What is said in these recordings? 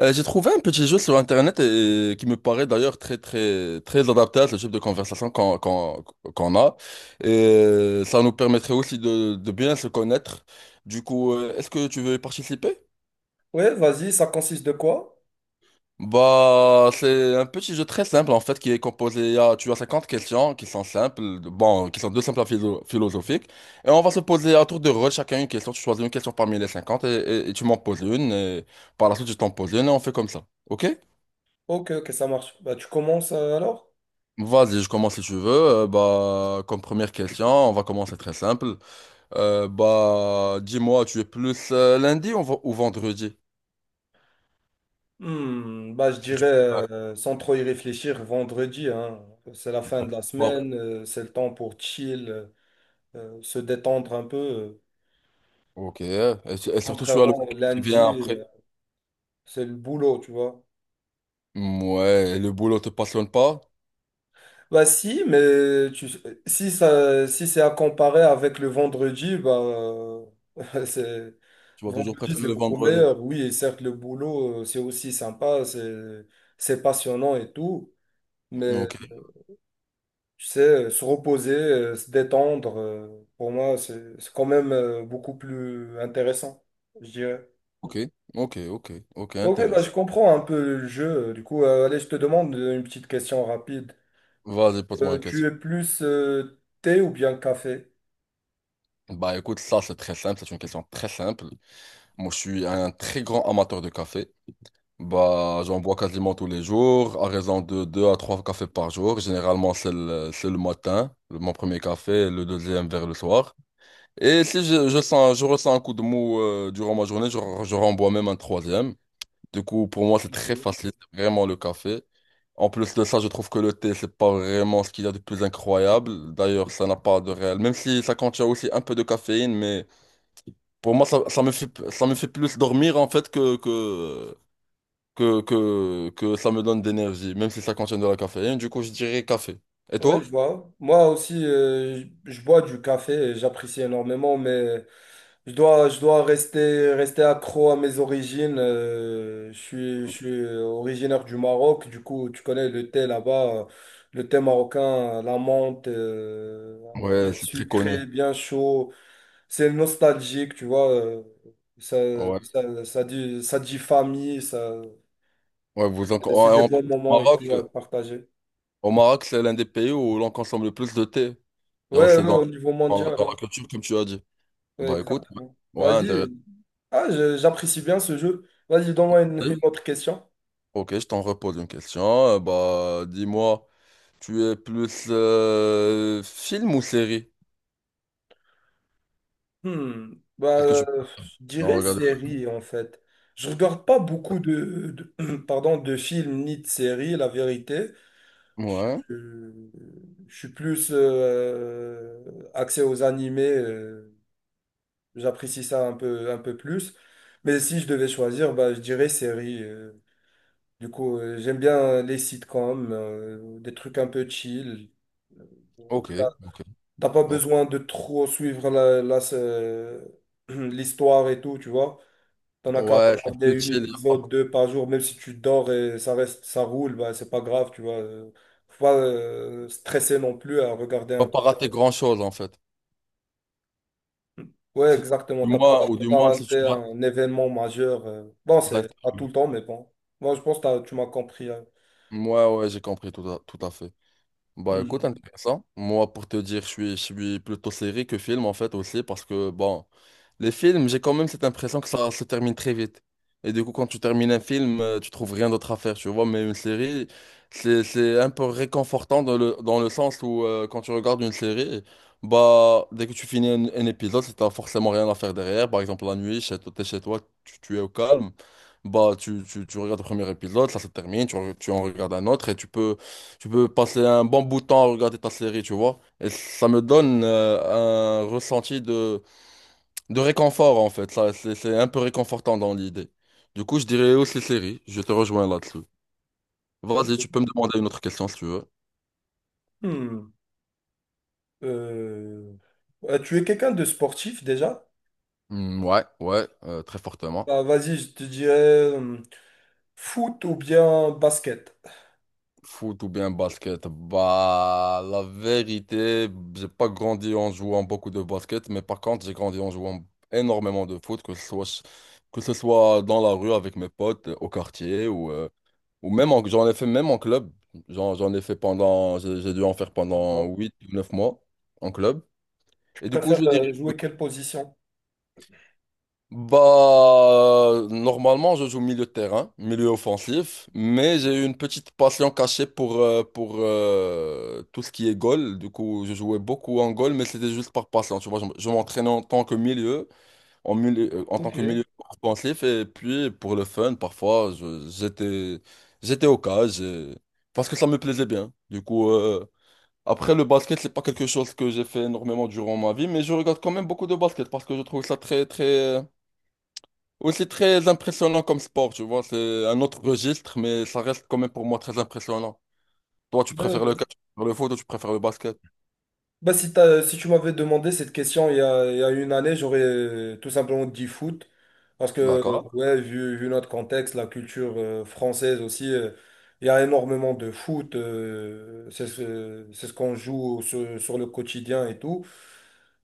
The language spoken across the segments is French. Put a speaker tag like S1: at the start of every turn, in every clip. S1: J'ai trouvé un petit jeu sur Internet, qui me paraît d'ailleurs très très très adapté à ce type de conversation qu'on a. Et ça nous permettrait aussi de bien se connaître. Du coup, est-ce que tu veux y participer?
S2: Ouais, vas-y, ça consiste de quoi?
S1: Bah, c'est un petit jeu très simple en fait qui est composé. Tu as 50 questions qui sont simples, bon, qui sont deux simples à philosophiques. Et on va se poser à tour de rôle chacun une question. Tu choisis une question parmi les 50 et, et tu m'en poses une. Et par la suite, je t'en pose une et on fait comme ça. OK?
S2: Ok, ok, ça marche. Bah, tu commences alors?
S1: Vas-y, je commence si tu veux. Comme première question, on va commencer très simple. Dis-moi, tu es plus lundi ou, ou vendredi?
S2: Bah, je
S1: Est-ce que
S2: dirais,
S1: tu préfères.
S2: sans trop y réfléchir, vendredi, hein. C'est la fin de la
S1: Oh.
S2: semaine, c'est le temps pour chill, se détendre un peu.
S1: Ok. Et, et surtout, tu as
S2: Contrairement
S1: le
S2: au
S1: week-end qui vient
S2: lundi,
S1: après.
S2: c'est le boulot, tu vois.
S1: Mm, ouais, et le boulot te passionne pas?
S2: Bah si, si ça, si c'est à comparer avec le vendredi, c'est
S1: Tu vas toujours
S2: vendredi c'est
S1: préférer le
S2: beaucoup
S1: vendredi.
S2: meilleur. Oui, et certes le boulot c'est aussi sympa, c'est passionnant et tout, mais
S1: Ok,
S2: tu sais se reposer, se détendre, pour moi c'est quand même beaucoup plus intéressant, je dirais.
S1: ok, ok, ok, ok,
S2: Ok, bah je
S1: intéressant.
S2: comprends un peu le jeu. Du coup, allez, je te demande une petite question rapide.
S1: Vas-y, pose-moi une
S2: Tu
S1: question.
S2: es plus thé ou bien café?
S1: Bah, écoute, ça, c'est très simple. C'est une question très simple. Moi, je suis un très grand amateur de café. Bah, j'en bois quasiment tous les jours, à raison de 2 à 3 cafés par jour. Généralement, c'est le matin, mon premier café, le deuxième vers le soir. Et si je ressens un coup de mou durant ma journée, je renvoie même un troisième. Du coup, pour moi, c'est très facile, c'est vraiment le café. En plus de ça, je trouve que le thé, c'est pas vraiment ce qu'il y a de plus incroyable. D'ailleurs, ça n'a pas de réel. Même si ça contient aussi un peu de caféine, mais pour moi, ça me fait plus dormir en fait que ça me donne d'énergie, même si ça contient de la caféine. Du coup, je dirais café. Et
S2: Ouais, je
S1: toi?
S2: vois. Moi aussi, je bois du café et j'apprécie énormément, mais je dois rester accro à mes origines. Je suis je suis originaire du Maroc, du coup, tu connais le thé là-bas, le thé marocain, la menthe, bien
S1: Ouais, c'est très connu.
S2: sucré, bien chaud. C'est nostalgique, tu vois. ça,
S1: Ouais,
S2: ça dit ça dit, famille, ça,
S1: ouais, vous en...
S2: c'est
S1: ouais,
S2: des
S1: en
S2: bons
S1: plus, au
S2: moments et tout
S1: Maroc,
S2: à partager.
S1: au Maroc, c'est l'un des pays où l'on consomme le plus de thé. Genre,
S2: Ouais,
S1: c'est
S2: ouais, au niveau
S1: dans
S2: mondial.
S1: la culture, comme tu as dit.
S2: Ouais,
S1: Bah écoute,
S2: exactement.
S1: ouais, ouais, intéressant.
S2: Vas-y. Ah, j'apprécie bien ce jeu. Vas-y, donne-moi une autre question.
S1: Ok, je t'en repose une question. Dis-moi, tu es plus film ou série?
S2: Hmm. Bah,
S1: Qu'est-ce que tu...
S2: je
S1: Non,
S2: dirais
S1: regarde.
S2: série, en fait. Je regarde pas beaucoup pardon, de films ni de séries, la vérité. Je,
S1: Ouais.
S2: je suis plus axé aux animés. J'apprécie ça un peu plus. Mais si je devais choisir, bah, je dirais série. Du coup, j'aime bien les sitcoms, des trucs un peu chill. Euh, on
S1: Ok,
S2: regarde-
S1: ok,
S2: T'as pas
S1: ok.
S2: besoin de trop suivre l'histoire et tout, tu vois. T'en as qu'à
S1: Ouais, c'est plus
S2: regarder un
S1: chill.
S2: épisode, deux par jour, même si tu dors et ça reste, ça roule, bah, c'est pas grave, tu vois. Faut pas stresser non plus à regarder
S1: Tu vas
S2: un.
S1: pas rater grand-chose, en fait.
S2: Ouais, exactement.
S1: Du moins, ou
S2: T'as
S1: du
S2: pas
S1: moins, si tu
S2: raté
S1: rates.
S2: un événement majeur. Bon, c'est
S1: Exact.
S2: à tout le temps, mais bon. Moi, je pense que tu m'as compris, hein.
S1: Ouais, ouais, j'ai compris tout à fait. Bah
S2: Hmm.
S1: écoute, intéressant. Moi, pour te dire, je suis plutôt série que film en fait aussi, parce que bon, les films, j'ai quand même cette impression que ça se termine très vite. Et du coup, quand tu termines un film, tu trouves rien d'autre à faire, tu vois. Mais une série, c'est un peu réconfortant dans le sens où quand tu regardes une série, bah dès que tu finis un épisode, si t'as forcément rien à faire derrière, par exemple la nuit, chez, toi, t'es chez toi, tu es au calme, bah tu regardes le premier épisode, ça se termine, tu en regardes un autre et tu peux. Tu peux passer un bon bout de temps à regarder ta série, tu vois. Et ça me donne un ressenti de réconfort, en fait. Ça, c'est un peu réconfortant dans l'idée. Du coup, je dirais aussi série. Je te rejoins là-dessus.
S2: Ok.
S1: Vas-y, tu peux me demander une autre question si tu veux.
S2: Hmm. Euh, Tu es quelqu'un de sportif déjà?
S1: Hmm, ouais, ouais, très fortement.
S2: Bah, vas-y, je te dirais euh, foot ou bien basket.
S1: Foot ou bien basket? Bah, la vérité, j'ai pas grandi en jouant beaucoup de basket, mais par contre, j'ai grandi en jouant énormément de foot, que ce soit dans la rue avec mes potes, au quartier ou. Ou même j'en ai fait même en club. J'en ai fait pendant, j'ai dû en faire pendant
S2: Bon.
S1: huit ou 9 mois en club.
S2: Tu
S1: Et du coup, je
S2: préfères
S1: dirais,
S2: jouer quelle position?
S1: bah, normalement, je joue milieu de terrain, milieu offensif, mais j'ai eu une petite passion cachée pour, tout ce qui est goal. Du coup, je jouais beaucoup en goal, mais c'était juste par passion. Tu vois, je m'entraînais en tant que milieu, en tant
S2: Ok.
S1: que
S2: Ouais,
S1: milieu offensif et puis pour le fun, parfois, j'étais au cage parce que ça me plaisait bien. Du coup, après le basket, c'est pas quelque chose que j'ai fait énormément durant ma vie, mais je regarde quand même beaucoup de basket parce que je trouve ça aussi très impressionnant comme sport, tu vois. C'est un autre registre, mais ça reste quand même pour moi très impressionnant. Toi, tu préfères le
S2: ouais.
S1: catch, tu préfères le foot ou tu préfères le basket?
S2: Bah, si tu m'avais demandé cette question il y a une année, j'aurais tout simplement dit foot. Parce que,
S1: D'accord.
S2: ouais, vu notre contexte, la culture française aussi, il y a énormément de foot. C'est ce, c'est ce qu'on joue sur le quotidien et tout.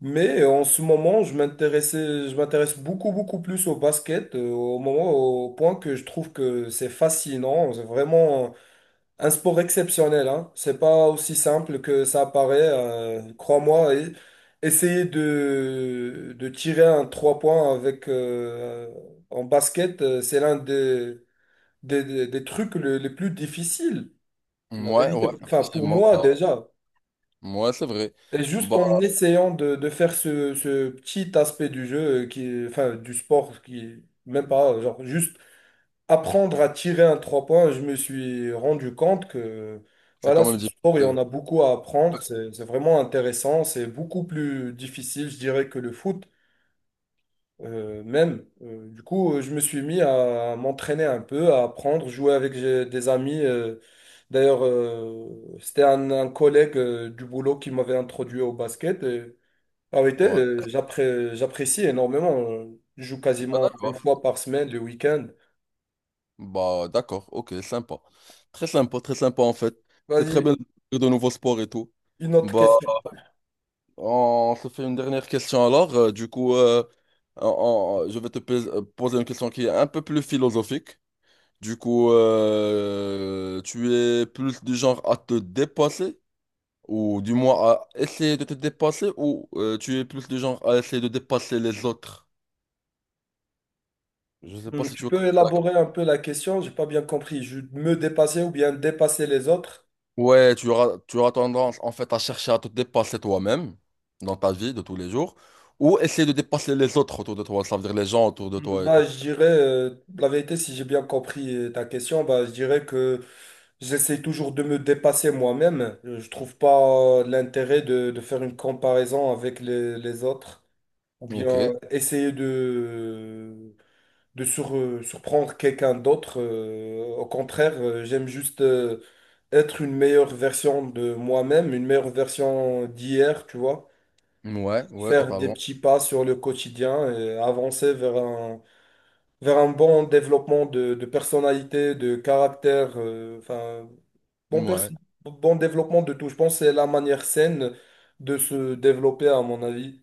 S2: Mais en ce moment, je m'intéresse beaucoup, beaucoup plus au basket, au point que je trouve que c'est fascinant. C'est vraiment un sport exceptionnel, hein. C'est pas aussi simple que ça apparaît, crois-moi. Essayer de tirer un trois points en basket, c'est l'un des trucs les plus difficiles. La
S1: Ouais, ouais,
S2: vérité, enfin, pour
S1: effectivement.
S2: moi,
S1: Bah,
S2: déjà.
S1: ouais, c'est vrai.
S2: Et juste
S1: Bah,
S2: en essayant de faire ce petit aspect du jeu, enfin du sport, qui est même pas, genre juste apprendre à tirer un trois points, je me suis rendu compte que
S1: c'est
S2: voilà,
S1: quand même
S2: ce sport, il y en
S1: difficile.
S2: a beaucoup à apprendre, c'est vraiment intéressant, c'est beaucoup plus difficile, je dirais, que le foot même. Du coup, je me suis mis à m'entraîner un peu, à apprendre, jouer avec des amis. D'ailleurs, c'était un collègue du boulot qui m'avait introduit au basket. Ah oui,
S1: Ouais.
S2: j'apprécie énormément. Je joue
S1: Bah,
S2: quasiment une
S1: d'accord.
S2: fois par semaine, le week-end.
S1: Bah, d'accord, ok, sympa. Très sympa, très sympa en fait. C'est très bien
S2: Vas-y,
S1: de découvrir de nouveaux sports et tout.
S2: une autre
S1: Bah,
S2: question.
S1: on se fait une dernière question alors. Du coup, on- je vais poser une question qui est un peu plus philosophique. Du coup, tu es plus du genre à te dépasser, ou du moins à essayer de te dépasser, ou tu es plus du genre à essayer de dépasser les autres? Je sais pas si tu
S2: Tu
S1: veux
S2: peux
S1: comprendre.
S2: élaborer un peu la question? J'ai pas bien compris. Je me dépasser ou bien dépasser les autres?
S1: Ouais, tu auras tendance en fait à chercher à te dépasser toi-même dans ta vie de tous les jours ou essayer de dépasser les autres autour de toi, ça veut dire les gens autour de toi et
S2: Bah,
S1: tout.
S2: je dirais, la vérité, si j'ai bien compris ta question, bah, je dirais que j'essaie toujours de me dépasser moi-même. Je trouve pas l'intérêt de faire une comparaison avec les autres ou
S1: Ok,
S2: bien essayer surprendre quelqu'un d'autre. Au contraire, j'aime juste être une meilleure version de moi-même, une meilleure version d'hier, tu vois.
S1: ouais, ouais,
S2: Faire des
S1: totalement.
S2: petits pas sur le quotidien et avancer vers un bon développement de personnalité, de caractère, enfin, bon,
S1: Ouais.
S2: perso- bon développement de tout. Je pense que c'est la manière saine de se développer, à mon avis.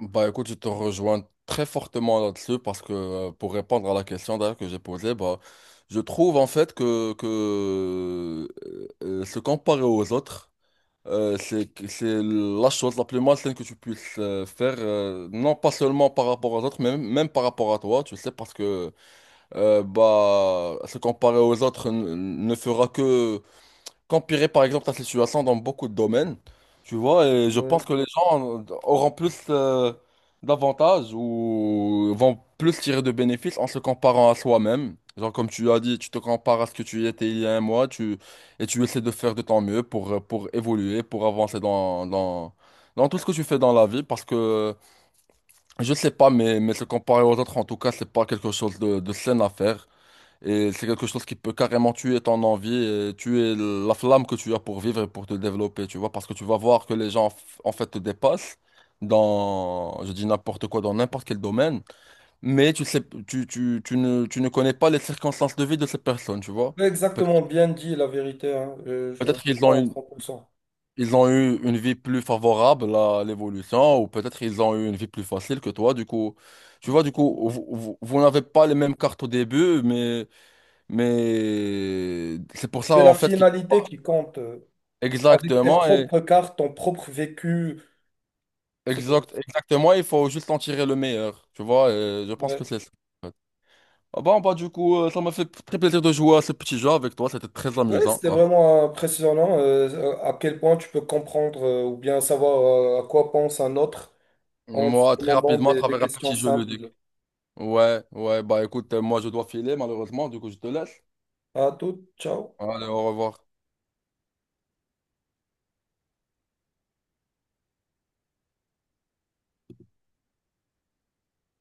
S1: Bah écoute, je te rejoins très fortement là-dessus parce que pour répondre à la question d'ailleurs que j'ai posée, bah, je trouve en fait que se comparer aux autres. C'est c'est la chose la plus malsaine que tu puisses faire, non pas seulement par rapport aux autres, mais même par rapport à toi, tu sais, parce que bah, se comparer aux autres ne fera que qu'empirer par exemple la situation dans beaucoup de domaines, tu vois, et je
S2: Ouais.
S1: pense que les gens auront plus d'avantages ou vont plus tirer de bénéfices en se comparant à soi-même. Genre comme tu as dit, tu te compares à ce que tu étais il y a 1 mois, tu, et tu essaies de faire de ton mieux pour évoluer, pour avancer dans tout ce que tu fais dans la vie, parce que je sais pas, mais se comparer aux autres, en tout cas, c'est pas quelque chose de sain à faire. Et c'est quelque chose qui peut carrément tuer ton envie, et tuer la flamme que tu as pour vivre et pour te développer, tu vois, parce que tu vas voir que les gens, en fait, te dépassent dans, je dis n'importe quoi, dans n'importe quel domaine, mais tu sais, tu ne connais pas les circonstances de vie de ces personnes, tu vois. Pe-
S2: Exactement, bien dit la vérité, hein. Je te
S1: Peut-être
S2: comprends à 100%.
S1: ils ont eu une vie plus favorable à l'évolution, ou peut-être ils ont eu une vie plus facile que toi, du coup, tu vois, du coup, vous vous n'avez pas les mêmes cartes au début, mais... Mais c'est pour ça
S2: C'est la
S1: en fait.
S2: finalité qui compte. Avec tes
S1: Exactement, et,
S2: propres cartes, ton propre vécu. C'est-
S1: exact, exactement, il faut juste en tirer le meilleur, tu vois, et je pense
S2: Ouais,
S1: que c'est ça. En fait. Ah bon, bah du coup, ça m'a fait très plaisir de jouer à ce petit jeu avec toi, c'était très
S2: ouais,
S1: amusant.
S2: c'était
S1: Ah.
S2: vraiment impressionnant à quel point tu peux comprendre ou bien savoir à quoi pense un autre en se
S1: Moi, très
S2: demandant
S1: rapidement, à
S2: des
S1: travers un
S2: questions
S1: petit jeu ludique.
S2: simples.
S1: Ouais, ouais, bah écoute, moi je dois filer malheureusement, du coup je te laisse.
S2: À tout, ciao.
S1: Allez, au revoir.